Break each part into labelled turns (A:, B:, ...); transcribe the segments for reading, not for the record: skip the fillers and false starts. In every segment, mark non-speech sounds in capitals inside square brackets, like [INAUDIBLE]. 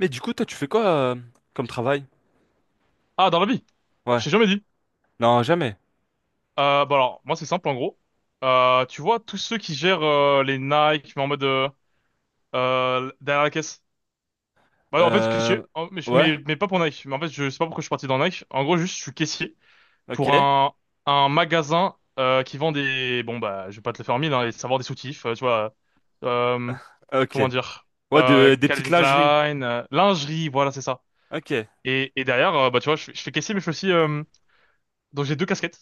A: Mais du coup, toi, tu fais quoi comme travail?
B: Ah, dans la vie?
A: Ouais.
B: Je t'ai jamais dit.
A: Non, jamais.
B: Bah alors, moi c'est simple en gros. Tu vois, tous ceux qui gèrent les Nike, mais en mode derrière la caisse. Bah, en fait, caissier,
A: Euh...
B: en- mais, je-
A: Ouais.
B: mais, mais pas pour Nike. Mais en fait, je sais pas pourquoi je suis parti dans Nike. En gros, juste, je suis caissier
A: Ok.
B: pour un magasin qui vend des... Bon, bah, je vais pas te le faire en mille, hein, les savoir des soutifs, tu vois. Euh,
A: Ok.
B: Comment dire?
A: Ouais, des petites
B: Calvin
A: lingeries.
B: Klein, lingerie, voilà, c'est ça.
A: Ok.
B: Et derrière, bah, tu vois, je fais caissier, mais je fais aussi... donc j'ai deux casquettes.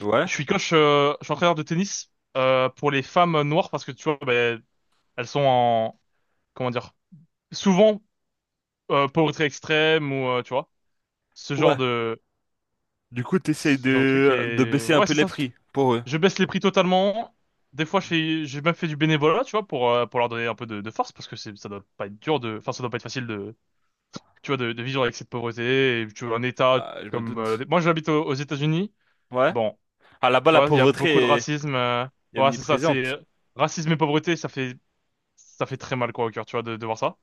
A: Ouais.
B: Je suis coach, je suis entraîneur de tennis pour les femmes noires parce que tu vois, ben, elles sont en, comment dire, souvent pauvreté extrême ou tu vois, ce genre
A: Ouais.
B: de,
A: Du coup, t'essayes
B: ce genre de truc.
A: de
B: Et
A: baisser un
B: ouais,
A: peu
B: c'est
A: les
B: ça.
A: prix pour eux.
B: Je baisse les prix totalement. Des fois, j'ai même fait du bénévolat, tu vois, pour leur donner un peu de force parce que ça doit pas être dur de, enfin, ça doit pas être facile de, tu vois, de vivre avec cette pauvreté. Et tu vois, un état
A: Bah, je me
B: comme,
A: doute.
B: moi, j'habite aux États-Unis.
A: Ouais.
B: Bon,
A: Ah, là-bas,
B: tu vois, il y a beaucoup de racisme.
A: est
B: Ouais, c'est ça, c'est
A: omniprésente.
B: racisme et pauvreté, ça fait très mal quoi au cœur, tu vois, de voir ça.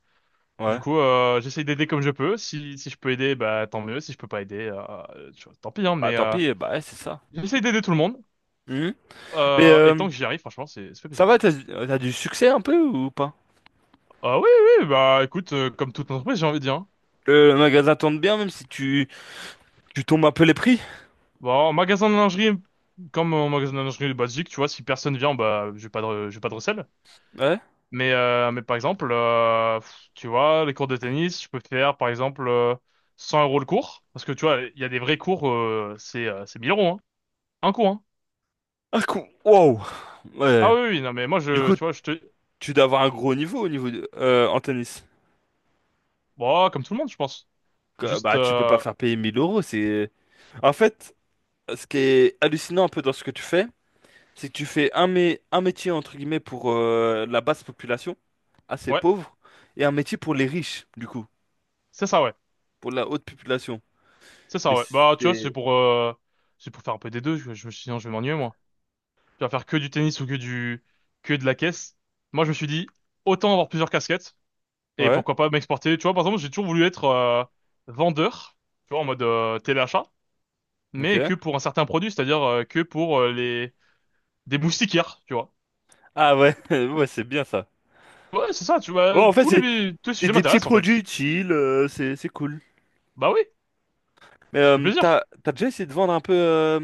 B: Du
A: Ouais.
B: coup, j'essaye d'aider comme je peux. Si je peux aider, bah tant mieux. Si je peux pas aider, tu vois, tant pis. Hein,
A: Bah,
B: mais
A: tant pis. Bah, ouais, c'est ça.
B: j'essaye d'aider tout le monde.
A: Mhm. Mais
B: Et
A: euh,
B: tant que j'y arrive, franchement, c'est ça fait
A: ça
B: plaisir.
A: va, t'as du succès un peu ou pas?
B: Ah oui, oui, oui, bah écoute, comme toute entreprise, j'ai envie de dire. Hein.
A: Le magasin tourne bien, même si tu, tu tombes un peu les prix.
B: Bon, en magasin de lingerie, comme en magasin de lingerie basique, tu vois, si personne vient, bah j'ai pas de recel.
A: Ouais.
B: Mais par exemple, tu vois, les cours de tennis, je peux faire par exemple 100 euros le cours. Parce que tu vois, il y a des vrais cours, c'est 1 000 euros, hein. Un cours, hein.
A: Ah, cool. Wow.
B: Ah
A: Ouais.
B: oui, oui, non, mais moi,
A: Du coup,
B: tu vois, je te...
A: tu dois avoir un gros niveau au niveau en tennis.
B: Bon, comme tout le monde, je pense. Juste,
A: Bah, tu peux pas faire payer 1000 euros. C'est... En fait, ce qui est hallucinant un peu dans ce que tu fais, c'est que tu fais un métier, entre guillemets, pour la basse population, assez
B: ouais,
A: pauvre, et un métier pour les riches, du coup,
B: c'est ça, ouais.
A: pour la haute population.
B: C'est ça,
A: Mais
B: ouais. Bah, tu vois,
A: c'est...
B: c'est pour faire un peu des deux. Sinon, je vais m'ennuyer, moi. Tu vas faire que du tennis ou que de la caisse. Moi, je me suis dit, autant avoir plusieurs casquettes. Et
A: Ouais,
B: pourquoi pas m'exporter. Tu vois, par exemple, j'ai toujours voulu être vendeur, tu vois, en mode téléachat, mais que
A: ok.
B: pour un certain produit, c'est-à-dire que pour les des moustiquaires, tu vois.
A: Ah ouais, [LAUGHS] ouais, c'est bien ça.
B: Ouais, c'est ça, tu vois,
A: Bon, en fait,
B: tous
A: c'est
B: les tous les
A: c'est
B: sujets
A: des petits
B: m'intéressent en fait.
A: produits utiles, c'est cool.
B: Bah oui, ça fait
A: T'as
B: plaisir.
A: t'as déjà essayé de vendre un peu...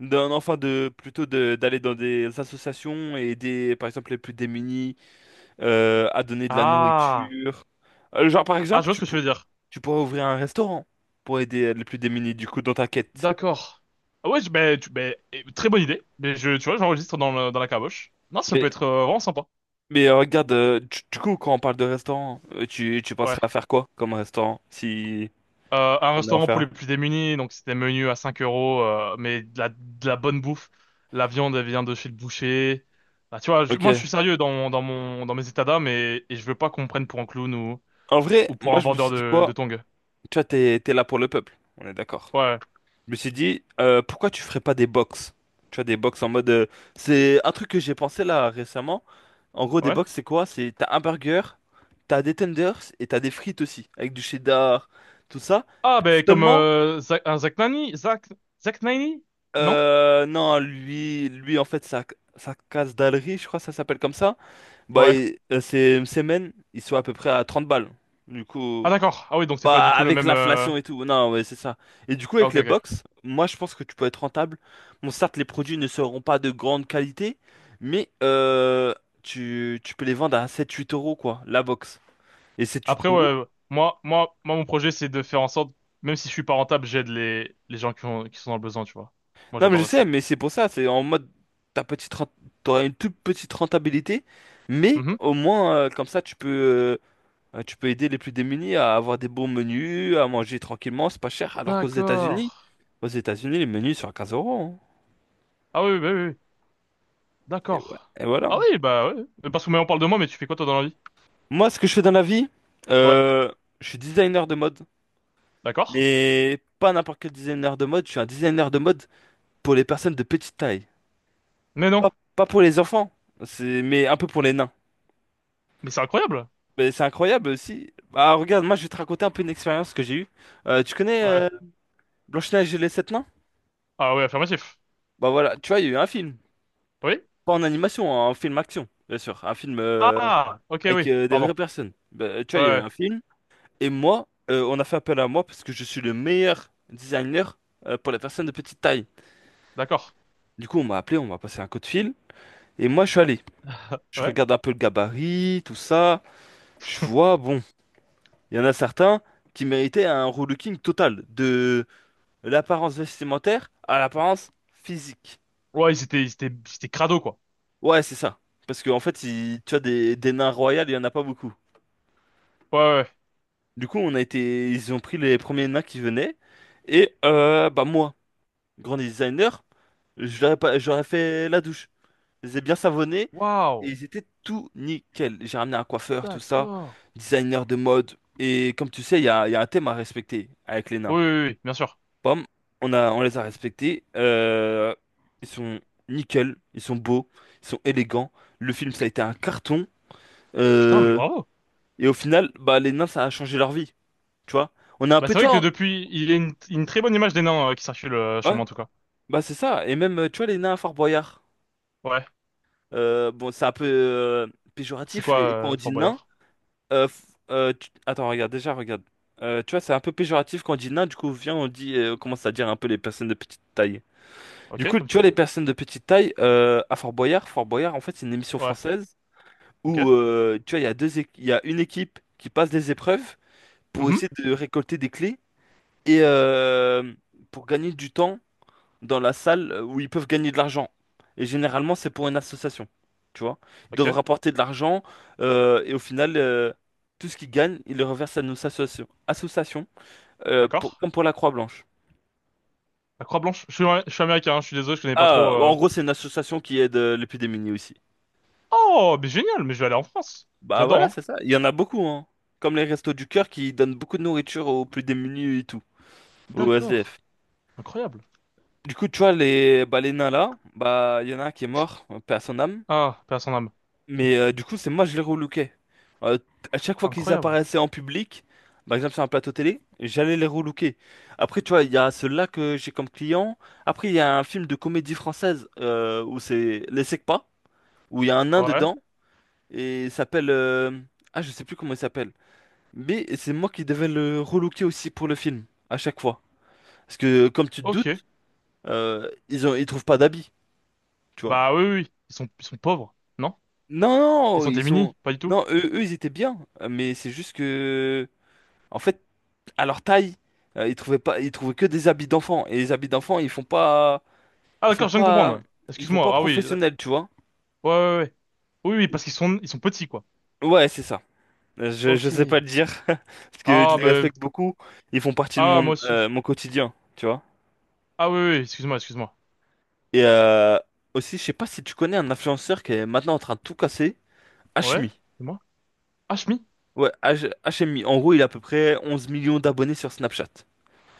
A: d'un enfant de plutôt de d'aller dans des associations et aider par exemple les plus démunis à donner de la
B: Ah,
A: nourriture. Genre par
B: ah, je
A: exemple
B: vois ce que tu veux dire.
A: tu pourrais ouvrir un restaurant pour aider les plus démunis du coup dans ta quête.
B: D'accord. Ah ouais, ben, ben, eh, très bonne idée. Mais tu vois, j'enregistre dans la caboche. Non, ça peut
A: Mais
B: être vraiment sympa.
A: regarde du coup quand on parle de restaurant tu penserais
B: Ouais.
A: à faire quoi comme restaurant si
B: Un
A: on est en
B: restaurant pour
A: faire?
B: les plus démunis, donc c'était menu à 5 euros, mais de la bonne bouffe. La viande, elle vient de chez le boucher. Bah, tu vois, moi, je
A: Ok.
B: suis sérieux dans mes états d'âme et je veux pas qu'on me prenne pour un clown
A: En vrai
B: ou pour
A: moi
B: un
A: je me
B: vendeur
A: suis dit
B: de
A: quoi?
B: tongs.
A: Tu vois, t'es là pour le peuple, on est d'accord.
B: Ouais,
A: Je me suis dit, pourquoi tu ferais pas des box? Tu vois, des box en mode. C'est un truc que j'ai pensé là récemment. En gros, des
B: ouais.
A: box, c'est quoi? C'est t'as un burger, t'as des tenders et t'as des frites aussi, avec du cheddar, tout ça.
B: Ah, ben, comme
A: Seulement,
B: Zach, un Zach Nani? Zach Nani? Non?
A: non, lui en fait, sa case d'alerie, je crois que ça s'appelle comme ça. Bah,
B: Ouais.
A: c'est une semaine, ils sont à peu près à 30 balles. Du
B: Ah,
A: coup.
B: d'accord. Ah oui, donc c'est pas du
A: Bah,
B: tout le
A: avec
B: même...
A: l'inflation et tout. Non, ouais, c'est ça. Et du coup,
B: Ah,
A: avec
B: ok,
A: les
B: ok.
A: box, moi, je pense que tu peux être rentable. Bon, certes, les produits ne seront pas de grande qualité, mais tu, tu peux les vendre à 7 8 euros, quoi, la box. Et sept huit
B: Après,
A: euros.
B: ouais, moi, mon projet, c'est de faire en sorte, même si je suis pas rentable, j'aide les gens qui sont dans le besoin, tu vois. Moi,
A: Non, mais je
B: j'adorerais ça.
A: sais, mais c'est pour ça, c'est en mode, ta petite rent- t'auras une toute petite rentabilité, mais
B: Mhm.
A: au moins, comme ça, tu peux aider les plus démunis à avoir des bons menus, à manger tranquillement, c'est pas cher. Alors qu'aux
B: D'accord.
A: États-Unis, aux États-Unis, les menus sont à 15 euros, hein.
B: Ah oui, oui, bah oui, oui.
A: Et ouais,
B: d'accord.
A: et voilà.
B: Ah oui, bah ouais. Mais parce que on parle de moi, mais tu fais quoi toi dans la vie?
A: Moi, ce que je fais dans la vie,
B: Ouais,
A: euh, je suis designer de mode,
B: d'accord.
A: mais pas n'importe quel designer de mode. Je suis un designer de mode pour les personnes de petite taille.
B: Mais non,
A: Pas, pas pour les enfants, c'est, mais un peu pour les nains.
B: mais c'est incroyable.
A: Mais c'est incroyable aussi. Bah, regarde, moi, je vais te raconter un peu une expérience que j'ai eue. Tu connais
B: Ouais.
A: Blanche-Neige et les sept nains?
B: Ah oui, affirmatif.
A: Bah voilà, tu vois, il y a eu un film.
B: Oui?
A: Pas en animation, un film action, bien sûr. Un film
B: Ah, ok,
A: avec
B: oui,
A: des
B: pardon.
A: vraies personnes. Bah, tu vois,
B: Ouais,
A: il y a eu
B: ouais.
A: un film. Et moi, on a fait appel à moi parce que je suis le meilleur designer pour les personnes de petite taille.
B: d'accord.
A: Du coup, on m'a appelé, on m'a passé un coup de fil. Et moi, je suis allé. Je
B: Ouais.
A: regarde un peu le gabarit, tout ça. Je vois, bon, il y en a certains qui méritaient un relooking total. De l'apparence vestimentaire à l'apparence physique.
B: Ouais, ils étaient crado, quoi.
A: Ouais, c'est ça. Parce qu'en fait, tu as des nains royaux, il y en a pas beaucoup.
B: Ouais, ouais.
A: Du coup, on a été, ils ont pris les premiers nains qui venaient. Et bah moi, grand designer, je l'aurais pas, j'aurais fait la douche. Je les ai bien savonnés et
B: Waouh,
A: ils étaient tout nickel. J'ai ramené un coiffeur, tout ça,
B: d'accord.
A: designer de mode. Et comme tu sais, il y a un thème à respecter avec les
B: Oui,
A: nains.
B: oui, oui, bien sûr.
A: Pomme, on les a respectés. Ils sont nickel, ils sont beaux, ils sont élégants. Le film, ça a été un carton.
B: Putain, mais
A: Euh,
B: bravo.
A: et au final, bah, les nains, ça a changé leur vie. Tu vois? On a un
B: Bah
A: peu,
B: c'est
A: tu
B: vrai que
A: vois,
B: depuis, il y a une très bonne image des nains qui circule chez
A: ouais,
B: moi en tout cas.
A: bah c'est ça. Et même, tu vois, les nains à Fort Boyard.
B: Ouais.
A: Bon, c'est un peu
B: C'est
A: péjoratif
B: quoi
A: quand on dit
B: Fort
A: nain.
B: Boyard?
A: Euh, f- Attends, regarde, déjà, regarde. Tu vois, c'est un peu péjoratif quand on dit nain, du coup, viens, on dit, on commence à dire un peu les personnes de petite taille. Du
B: Ok,
A: coup,
B: comme
A: tu
B: tu
A: vois,
B: veux.
A: les personnes de petite taille, à Fort Boyard, Fort Boyard, en fait, c'est une émission
B: Ouais.
A: française
B: Ok.
A: où, tu vois, il y a une équipe qui passe des épreuves pour
B: Mhm.
A: essayer de récolter des clés et pour gagner du temps dans la salle où ils peuvent gagner de l'argent. Et généralement, c'est pour une association. Tu vois? Ils doivent
B: Ok.
A: rapporter de l'argent et au final, tout ce qu'ils gagnent, ils le reversent à nos associations. Associations,
B: D'accord?
A: comme pour la Croix-Blanche.
B: La Croix-Blanche. Je suis américain, hein, je suis désolé, je connais pas trop.
A: Ah, bah,
B: euh.
A: en gros, c'est une association qui aide les plus démunis aussi.
B: Oh, mais génial, mais je vais aller en France.
A: Bah
B: J'adore,
A: voilà,
B: hein.
A: c'est ça. Il y en a beaucoup, hein. Comme les Restos du Cœur qui donnent beaucoup de nourriture aux plus démunis et tout, aux
B: D'accord.
A: SDF.
B: Incroyable.
A: Du coup, tu vois, les, bah, les nains là, bah, il y en a un qui est mort, paix à son âme.
B: Ah, paix à son âme.
A: Mais du coup, c'est moi, je les relooké. Euh, t- à chaque fois qu'ils
B: Incroyable.
A: apparaissaient en public, par exemple sur un plateau télé, j'allais les relooker. Après, tu vois, il y a ceux-là que j'ai comme client. Après, il y a un film de comédie française où c'est Les Secpas, où il y a un nain
B: Ouais.
A: dedans, et Ah, je sais plus comment il s'appelle. Mais c'est moi qui devais le relooker aussi pour le film, à chaque fois. Parce que, comme tu te
B: Ok.
A: doutes, ils ont... ils trouvent pas d'habits, tu vois.
B: Bah oui, oui. Oui. Ils sont pauvres, non?
A: Non,
B: Ils
A: non,
B: sont
A: ils sont...
B: démunis, pas du tout.
A: Non, eux, eux, ils étaient bien, mais c'est juste que... En fait, à leur taille, ils trouvaient pas, ils trouvaient que des habits d'enfants. Et les habits d'enfants,
B: Ah
A: ils font
B: d'accord, je viens de
A: pas,
B: comprendre.
A: ils font
B: Excuse-moi.
A: pas
B: Ah oui. Ouais,
A: professionnels, tu vois.
B: ouais, ouais. Ouais. Oui, oui, parce qu'ils sont petits, quoi.
A: Ouais, c'est ça. Je sais
B: Ok.
A: pas le dire, [LAUGHS] parce que je
B: Ah
A: les
B: ben,
A: respecte beaucoup. Ils font partie de
B: ah
A: mon,
B: moi aussi.
A: mon quotidien, tu vois.
B: Ah oui, oui. Excuse-moi, excuse-moi.
A: Et aussi, je sais pas si tu connais un influenceur qui est maintenant en train de tout casser,
B: Ouais.
A: Hashmi.
B: C'est moi. Ah, Shmi.
A: Ouais, HMI. En gros, il a à peu près 11 millions d'abonnés sur Snapchat.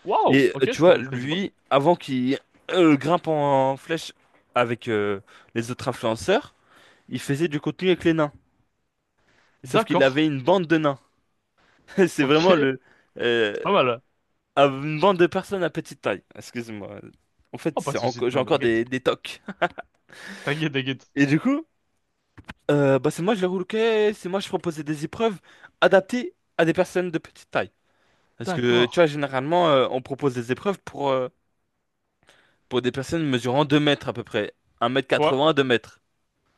B: Waouh.
A: Et
B: Ok, je,
A: tu
B: je
A: vois,
B: connaissais pas.
A: lui, avant qu'il grimpe en flèche avec les autres influenceurs, il faisait du contenu avec les nains. Sauf qu'il avait
B: D'accord.
A: une bande de nains. [LAUGHS] C'est
B: Ok. [LAUGHS]
A: vraiment
B: C'est
A: le euh,
B: pas mal.
A: une bande de personnes à petite taille. Excuse-moi. En fait,
B: Oh, pas de soucis.
A: j'ai
B: Non, mais
A: encore
B: t'inquiète.
A: des tocs.
B: T'inquiète, t'inquiète.
A: Et du coup, bah, c'est moi je les relookais, c'est moi je proposais des épreuves adaptées à des personnes de petite taille. Parce que tu
B: D'accord.
A: vois, généralement, on propose des épreuves pour des personnes mesurant 2 mètres à peu près.
B: Ouais.
A: 1m80, 2 mètres.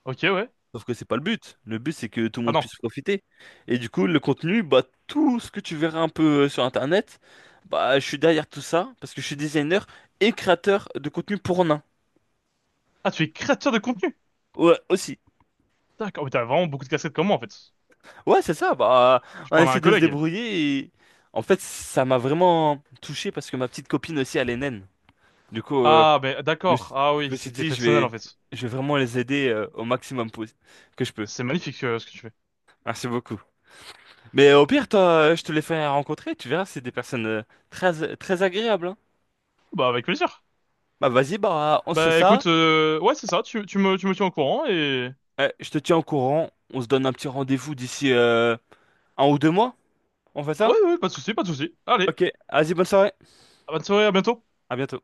B: Ok, ouais.
A: Sauf que c'est pas le but. Le but, c'est que tout le
B: Ah
A: monde
B: non.
A: puisse profiter. Et du coup, le contenu, bah, tout ce que tu verras un peu sur Internet, bah, je suis derrière tout ça parce que je suis designer et créateur de contenu pour nains.
B: Ah, tu es créateur de contenu.
A: Ouais, aussi.
B: D'accord. Mais t'as vraiment beaucoup de casquettes comme moi, en fait.
A: Ouais, c'est ça. Bah,
B: Je
A: on
B: parle à un
A: essaie de se
B: collègue.
A: débrouiller et en fait, ça m'a vraiment touché parce que ma petite copine aussi, elle est naine. Du coup,
B: Ah, ben,
A: je me
B: d'accord.
A: suis
B: Ah
A: je
B: oui,
A: me suis
B: c'était
A: dit,
B: personnel, en fait.
A: je vais vraiment les aider au que je peux.
B: C'est magnifique, ce que tu fais.
A: Merci beaucoup. Mais au pire, toi, je te les fais rencontrer, tu verras, c'est des personnes très, très agréables, hein.
B: Bah, avec plaisir.
A: Bah vas-y, bah on se fait
B: Bah,
A: ça.
B: écoute, ouais, c'est ça. Tu me tiens au courant et...
A: Je te tiens au courant. On se donne un petit rendez-vous d'ici un ou deux mois. On fait
B: Ouais,
A: ça?
B: ouais, pas de soucis, pas de soucis. Allez.
A: Ok, vas-y, bonne soirée.
B: Bonne soirée, à bientôt.
A: À bientôt.